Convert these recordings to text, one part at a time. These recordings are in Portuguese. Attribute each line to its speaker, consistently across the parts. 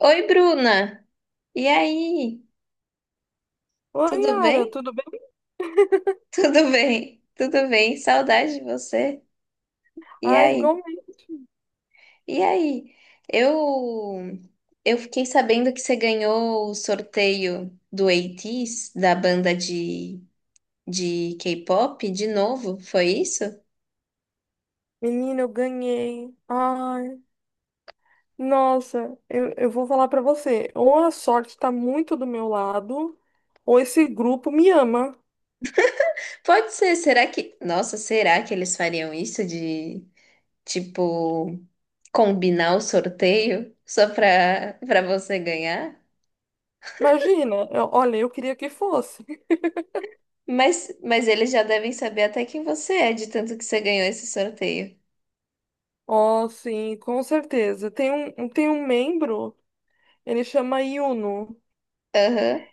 Speaker 1: Oi, Bruna! E aí?
Speaker 2: Oi,
Speaker 1: Tudo
Speaker 2: Yara,
Speaker 1: bem?
Speaker 2: tudo bem?
Speaker 1: Tudo bem, tudo bem. Saudade de você. E
Speaker 2: Ai,
Speaker 1: aí?
Speaker 2: igualmente.
Speaker 1: E aí? Eu eu fiquei sabendo que você ganhou o sorteio do ATEEZ, da banda de K-pop, de novo, foi isso?
Speaker 2: Menina, eu ganhei. Eu vou falar pra você. Ou a sorte tá muito do meu lado, ou esse grupo me ama.
Speaker 1: Pode ser, será que... Nossa, será que eles fariam isso de, tipo, combinar o sorteio só pra, pra você ganhar?
Speaker 2: Imagina, olha, eu queria que fosse.
Speaker 1: Mas eles já devem saber até quem você é, de tanto que você ganhou esse sorteio.
Speaker 2: Oh, sim, com certeza. Tem tem um membro, ele chama Yuno.
Speaker 1: Aham.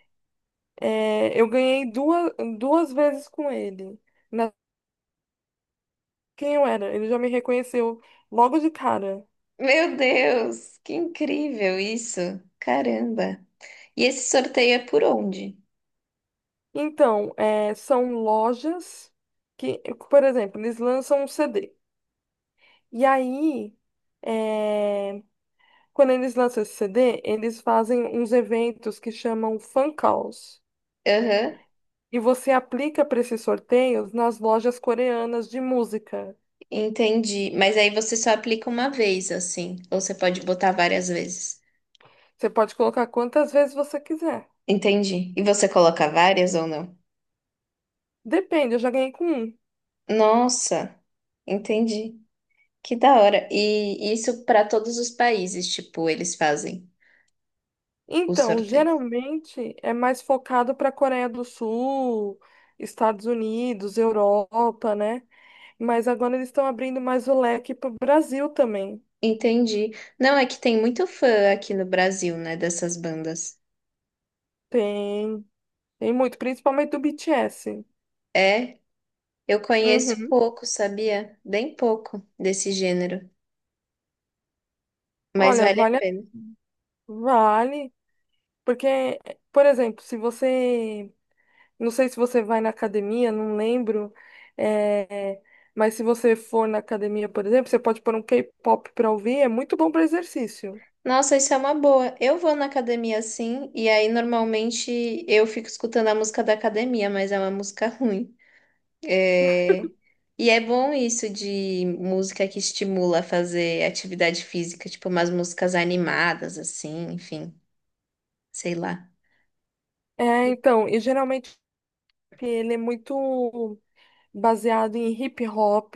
Speaker 2: É, duas vezes com ele. Na, quem eu era? Ele já me reconheceu logo de cara.
Speaker 1: Meu Deus, que incrível isso. Caramba. E esse sorteio é por onde?
Speaker 2: Então, é, são lojas que, por exemplo, eles lançam um CD. E aí, é, Quando eles lançam esse CD, eles fazem uns eventos que chamam fan calls.
Speaker 1: Aham,
Speaker 2: E você aplica para esses sorteios nas lojas coreanas de música.
Speaker 1: entendi. Mas aí você só aplica uma vez, assim, ou você pode botar várias vezes.
Speaker 2: Você pode colocar quantas vezes você quiser.
Speaker 1: Entendi. E você coloca várias ou não?
Speaker 2: Depende, eu já ganhei com um.
Speaker 1: Nossa, entendi. Que da hora. E isso para todos os países, tipo, eles fazem o
Speaker 2: Então,
Speaker 1: sorteio.
Speaker 2: geralmente é mais focado para a Coreia do Sul, Estados Unidos, Europa, né? Mas agora eles estão abrindo mais o leque para o Brasil também.
Speaker 1: Entendi. Não, é que tem muito fã aqui no Brasil, né, dessas bandas.
Speaker 2: Tem, tem muito, principalmente do BTS.
Speaker 1: É, eu conheço
Speaker 2: Uhum.
Speaker 1: pouco, sabia? Bem pouco desse gênero, mas
Speaker 2: Olha,
Speaker 1: vale a pena.
Speaker 2: vale, porque, por exemplo, se você, não sei se você vai na academia, não lembro, é, mas se você for na academia, por exemplo, você pode pôr um K-pop para ouvir, é muito bom para exercício.
Speaker 1: Nossa, isso é uma boa. Eu vou na academia assim, e aí normalmente eu fico escutando a música da academia, mas é uma música ruim. É... E é bom isso de música que estimula a fazer atividade física, tipo umas músicas animadas, assim, enfim, sei lá.
Speaker 2: É, então, e geralmente ele é muito baseado em hip hop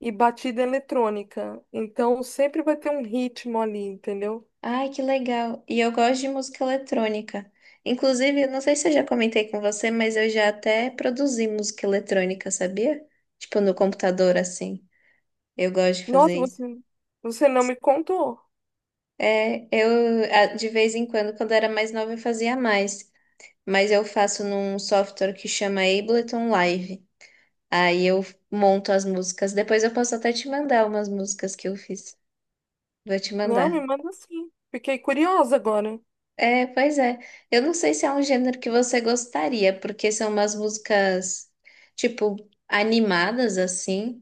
Speaker 2: e batida eletrônica. Então sempre vai ter um ritmo ali, entendeu?
Speaker 1: Ai, que legal. E eu gosto de música eletrônica. Inclusive, eu não sei se eu já comentei com você, mas eu já até produzi música eletrônica, sabia? Tipo, no computador, assim. Eu gosto de fazer
Speaker 2: Nossa,
Speaker 1: isso.
Speaker 2: você, você não me contou.
Speaker 1: É, eu, a- de vez em quando, quando era mais nova, eu fazia mais. Mas eu faço num software que chama Ableton Live. Aí eu monto as músicas. Depois eu posso até te mandar umas músicas que eu fiz. Vou te
Speaker 2: Não, me
Speaker 1: mandar.
Speaker 2: manda sim. Fiquei curiosa agora.
Speaker 1: É, pois é. Eu não sei se é um gênero que você gostaria, porque são umas músicas, tipo, animadas assim,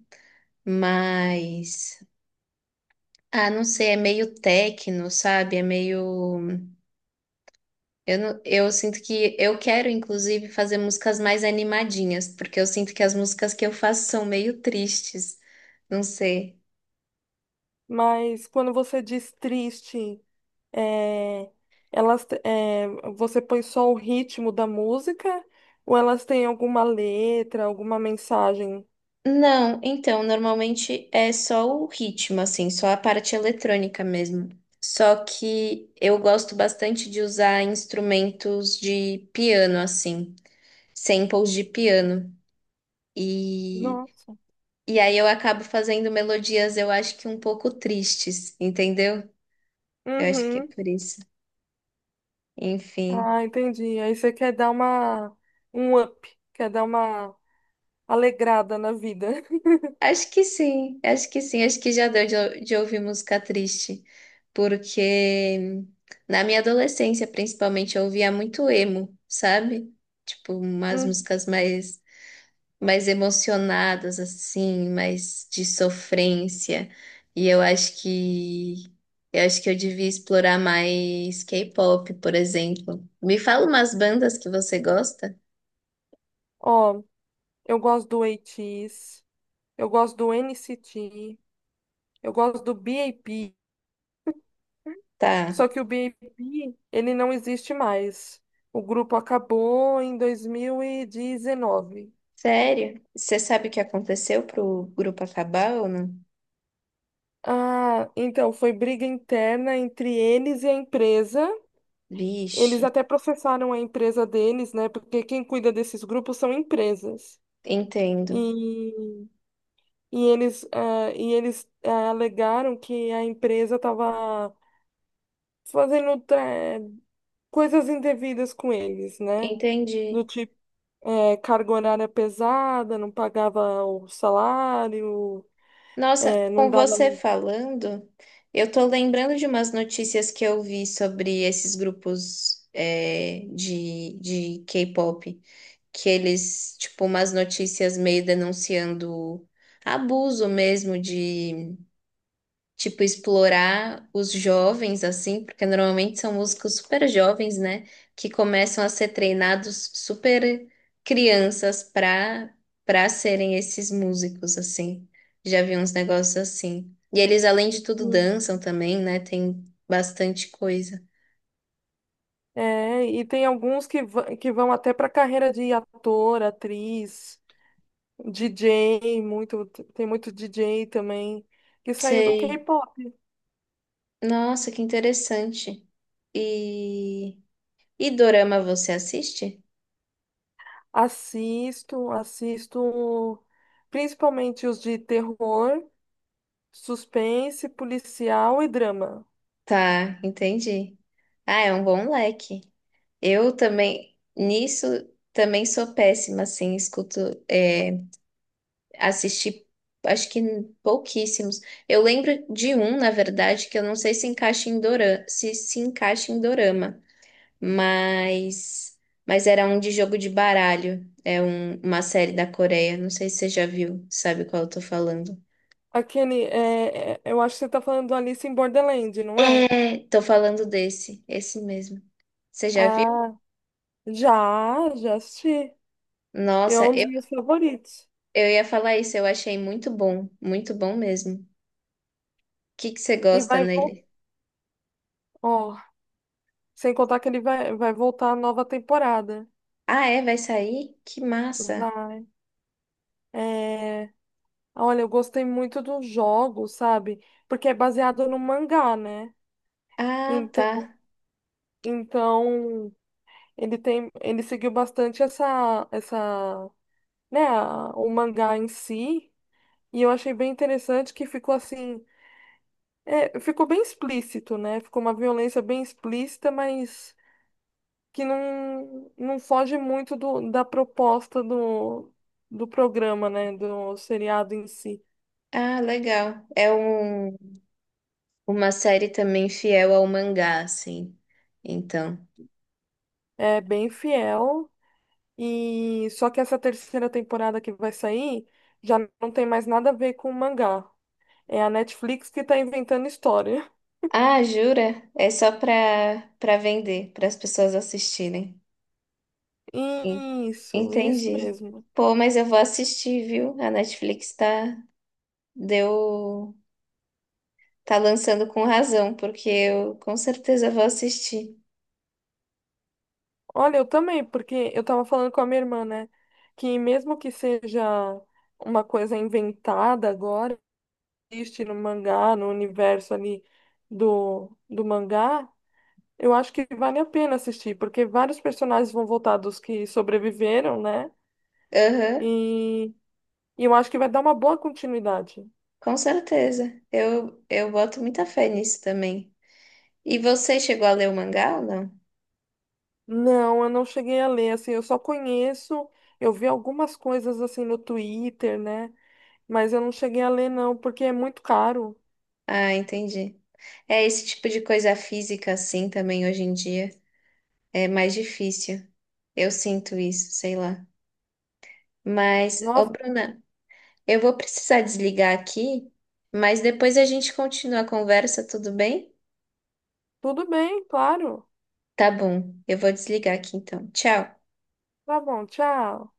Speaker 1: mas. Ah, não sei, é meio techno, sabe? É meio. Eu, não- eu sinto que. Eu quero, inclusive, fazer músicas mais animadinhas, porque eu sinto que as músicas que eu faço são meio tristes. Não sei.
Speaker 2: Mas quando você diz triste, é, elas, te- é, você põe só o ritmo da música ou elas têm alguma letra, alguma mensagem?
Speaker 1: Não, então, normalmente é só o ritmo, assim, só a parte eletrônica mesmo. Só que eu gosto bastante de usar instrumentos de piano, assim, samples de piano. E,
Speaker 2: Nossa.
Speaker 1: e aí eu acabo fazendo melodias, eu acho que um pouco tristes, entendeu? Eu acho que é
Speaker 2: Uhum.
Speaker 1: por isso. Enfim.
Speaker 2: Ah, entendi. Aí você quer dar uma um up, quer dar uma alegrada na vida.
Speaker 1: Acho que sim, acho que sim, acho que já deu de, ou- de ouvir música triste, porque na minha adolescência, principalmente, eu ouvia muito emo, sabe? Tipo, umas músicas mais, mais emocionadas, assim, mais de sofrência, e eu acho que, eu acho que eu devia explorar mais K-pop, por exemplo. Me fala umas bandas que você gosta?
Speaker 2: Ó, eu gosto do ATEEZ, eu gosto do NCT, eu gosto do BAP,
Speaker 1: Tá,
Speaker 2: só que o BAP, ele não existe mais. O grupo acabou em 2019.
Speaker 1: sério? Você sabe o que aconteceu pro grupo acabar ou não?
Speaker 2: Ah, então foi briga interna entre eles e a empresa. Eles
Speaker 1: Vixe,
Speaker 2: até processaram a empresa deles, né? Porque quem cuida desses grupos são empresas.
Speaker 1: entendo,
Speaker 2: E, e eles alegaram que a empresa estava fazendo coisas indevidas com eles, né? Do
Speaker 1: entendi.
Speaker 2: tipo, é, carga horária pesada, não pagava o salário,
Speaker 1: Nossa,
Speaker 2: é, não
Speaker 1: com
Speaker 2: dava.
Speaker 1: você falando, eu tô lembrando de umas notícias que eu vi sobre esses grupos é, de K-pop, que eles, tipo, umas notícias meio denunciando abuso mesmo, tipo, explorar os jovens, assim, porque normalmente são músicos super jovens, né? Que começam a ser treinados super crianças para para serem esses músicos, assim. Já vi uns negócios assim. E eles, além de tudo, dançam também, né? Tem bastante coisa.
Speaker 2: É, e tem alguns que vão até para carreira de ator, atriz, DJ, muito, tem muito DJ também, que saiu do
Speaker 1: Sei.
Speaker 2: K-pop.
Speaker 1: Nossa, que interessante. E, e dorama você assiste?
Speaker 2: Assisto, assisto principalmente os de terror, suspense, policial e drama.
Speaker 1: Tá, entendi. Ah, é um bom leque. Eu também, nisso, também sou péssima, assim, escuto, é, assisti, acho que pouquíssimos. Eu lembro de um, na verdade, que eu não sei se encaixa em dorama, se se encaixa em dorama, mas, mas era um de jogo de baralho, é um- uma série da Coreia, não sei se você já viu, sabe qual eu tô falando.
Speaker 2: A Kenny, é, é, eu acho que você tá falando do Alice em Borderland, não é?
Speaker 1: É, tô falando desse, esse mesmo. Você já viu?
Speaker 2: Ah, já, já assisti. É
Speaker 1: Nossa,
Speaker 2: um dos meus favoritos.
Speaker 1: eu ia falar isso, eu achei muito bom mesmo. Que você
Speaker 2: E
Speaker 1: gosta
Speaker 2: vai voltar.
Speaker 1: nele?
Speaker 2: Ó, sem contar que ele vai voltar a nova temporada.
Speaker 1: Ah, é? Vai sair? Que massa!
Speaker 2: Vai. É, olha, eu gostei muito do jogo, sabe? Porque é baseado no mangá, né?
Speaker 1: Ah,
Speaker 2: Então,
Speaker 1: tá.
Speaker 2: então ele tem, ele seguiu bastante né, o mangá em si. E eu achei bem interessante que ficou assim. É, ficou bem explícito, né? Ficou uma violência bem explícita, mas que não, não foge muito do, da proposta do programa, né? Do seriado em si.
Speaker 1: Ah, legal. É um, uma série também fiel ao mangá, assim. Então.
Speaker 2: É bem fiel, e só que essa terceira temporada que vai sair já não tem mais nada a ver com o mangá. É a Netflix que tá inventando história.
Speaker 1: Ah, jura? É só pra, pra vender, para as pessoas assistirem. En-
Speaker 2: Isso
Speaker 1: Entendi.
Speaker 2: mesmo.
Speaker 1: Pô, mas eu vou assistir, viu? A Netflix tá, deu, tá lançando com razão, porque eu com certeza vou assistir.
Speaker 2: Olha, eu também, porque eu tava falando com a minha irmã, né? Que mesmo que seja uma coisa inventada agora, existe no mangá, no universo ali do mangá, eu acho que vale a pena assistir, porque vários personagens vão voltar dos que sobreviveram, né?
Speaker 1: Aham.
Speaker 2: E, e eu acho que vai dar uma boa continuidade.
Speaker 1: Com certeza. Eu boto muita fé nisso também. E você chegou a ler o mangá ou não?
Speaker 2: Não, eu não cheguei a ler, assim, eu só conheço, eu vi algumas coisas assim no Twitter, né? Mas eu não cheguei a ler, não, porque é muito caro.
Speaker 1: Ah, entendi. É esse tipo de coisa física assim também hoje em dia. É mais difícil. Eu sinto isso, sei lá. Mas, ô
Speaker 2: Nossa.
Speaker 1: Bruna, eu vou precisar desligar aqui, mas depois a gente continua a conversa, tudo bem?
Speaker 2: Tudo bem, claro.
Speaker 1: Tá bom. Eu vou desligar aqui então. Tchau.
Speaker 2: Tá bom, tchau.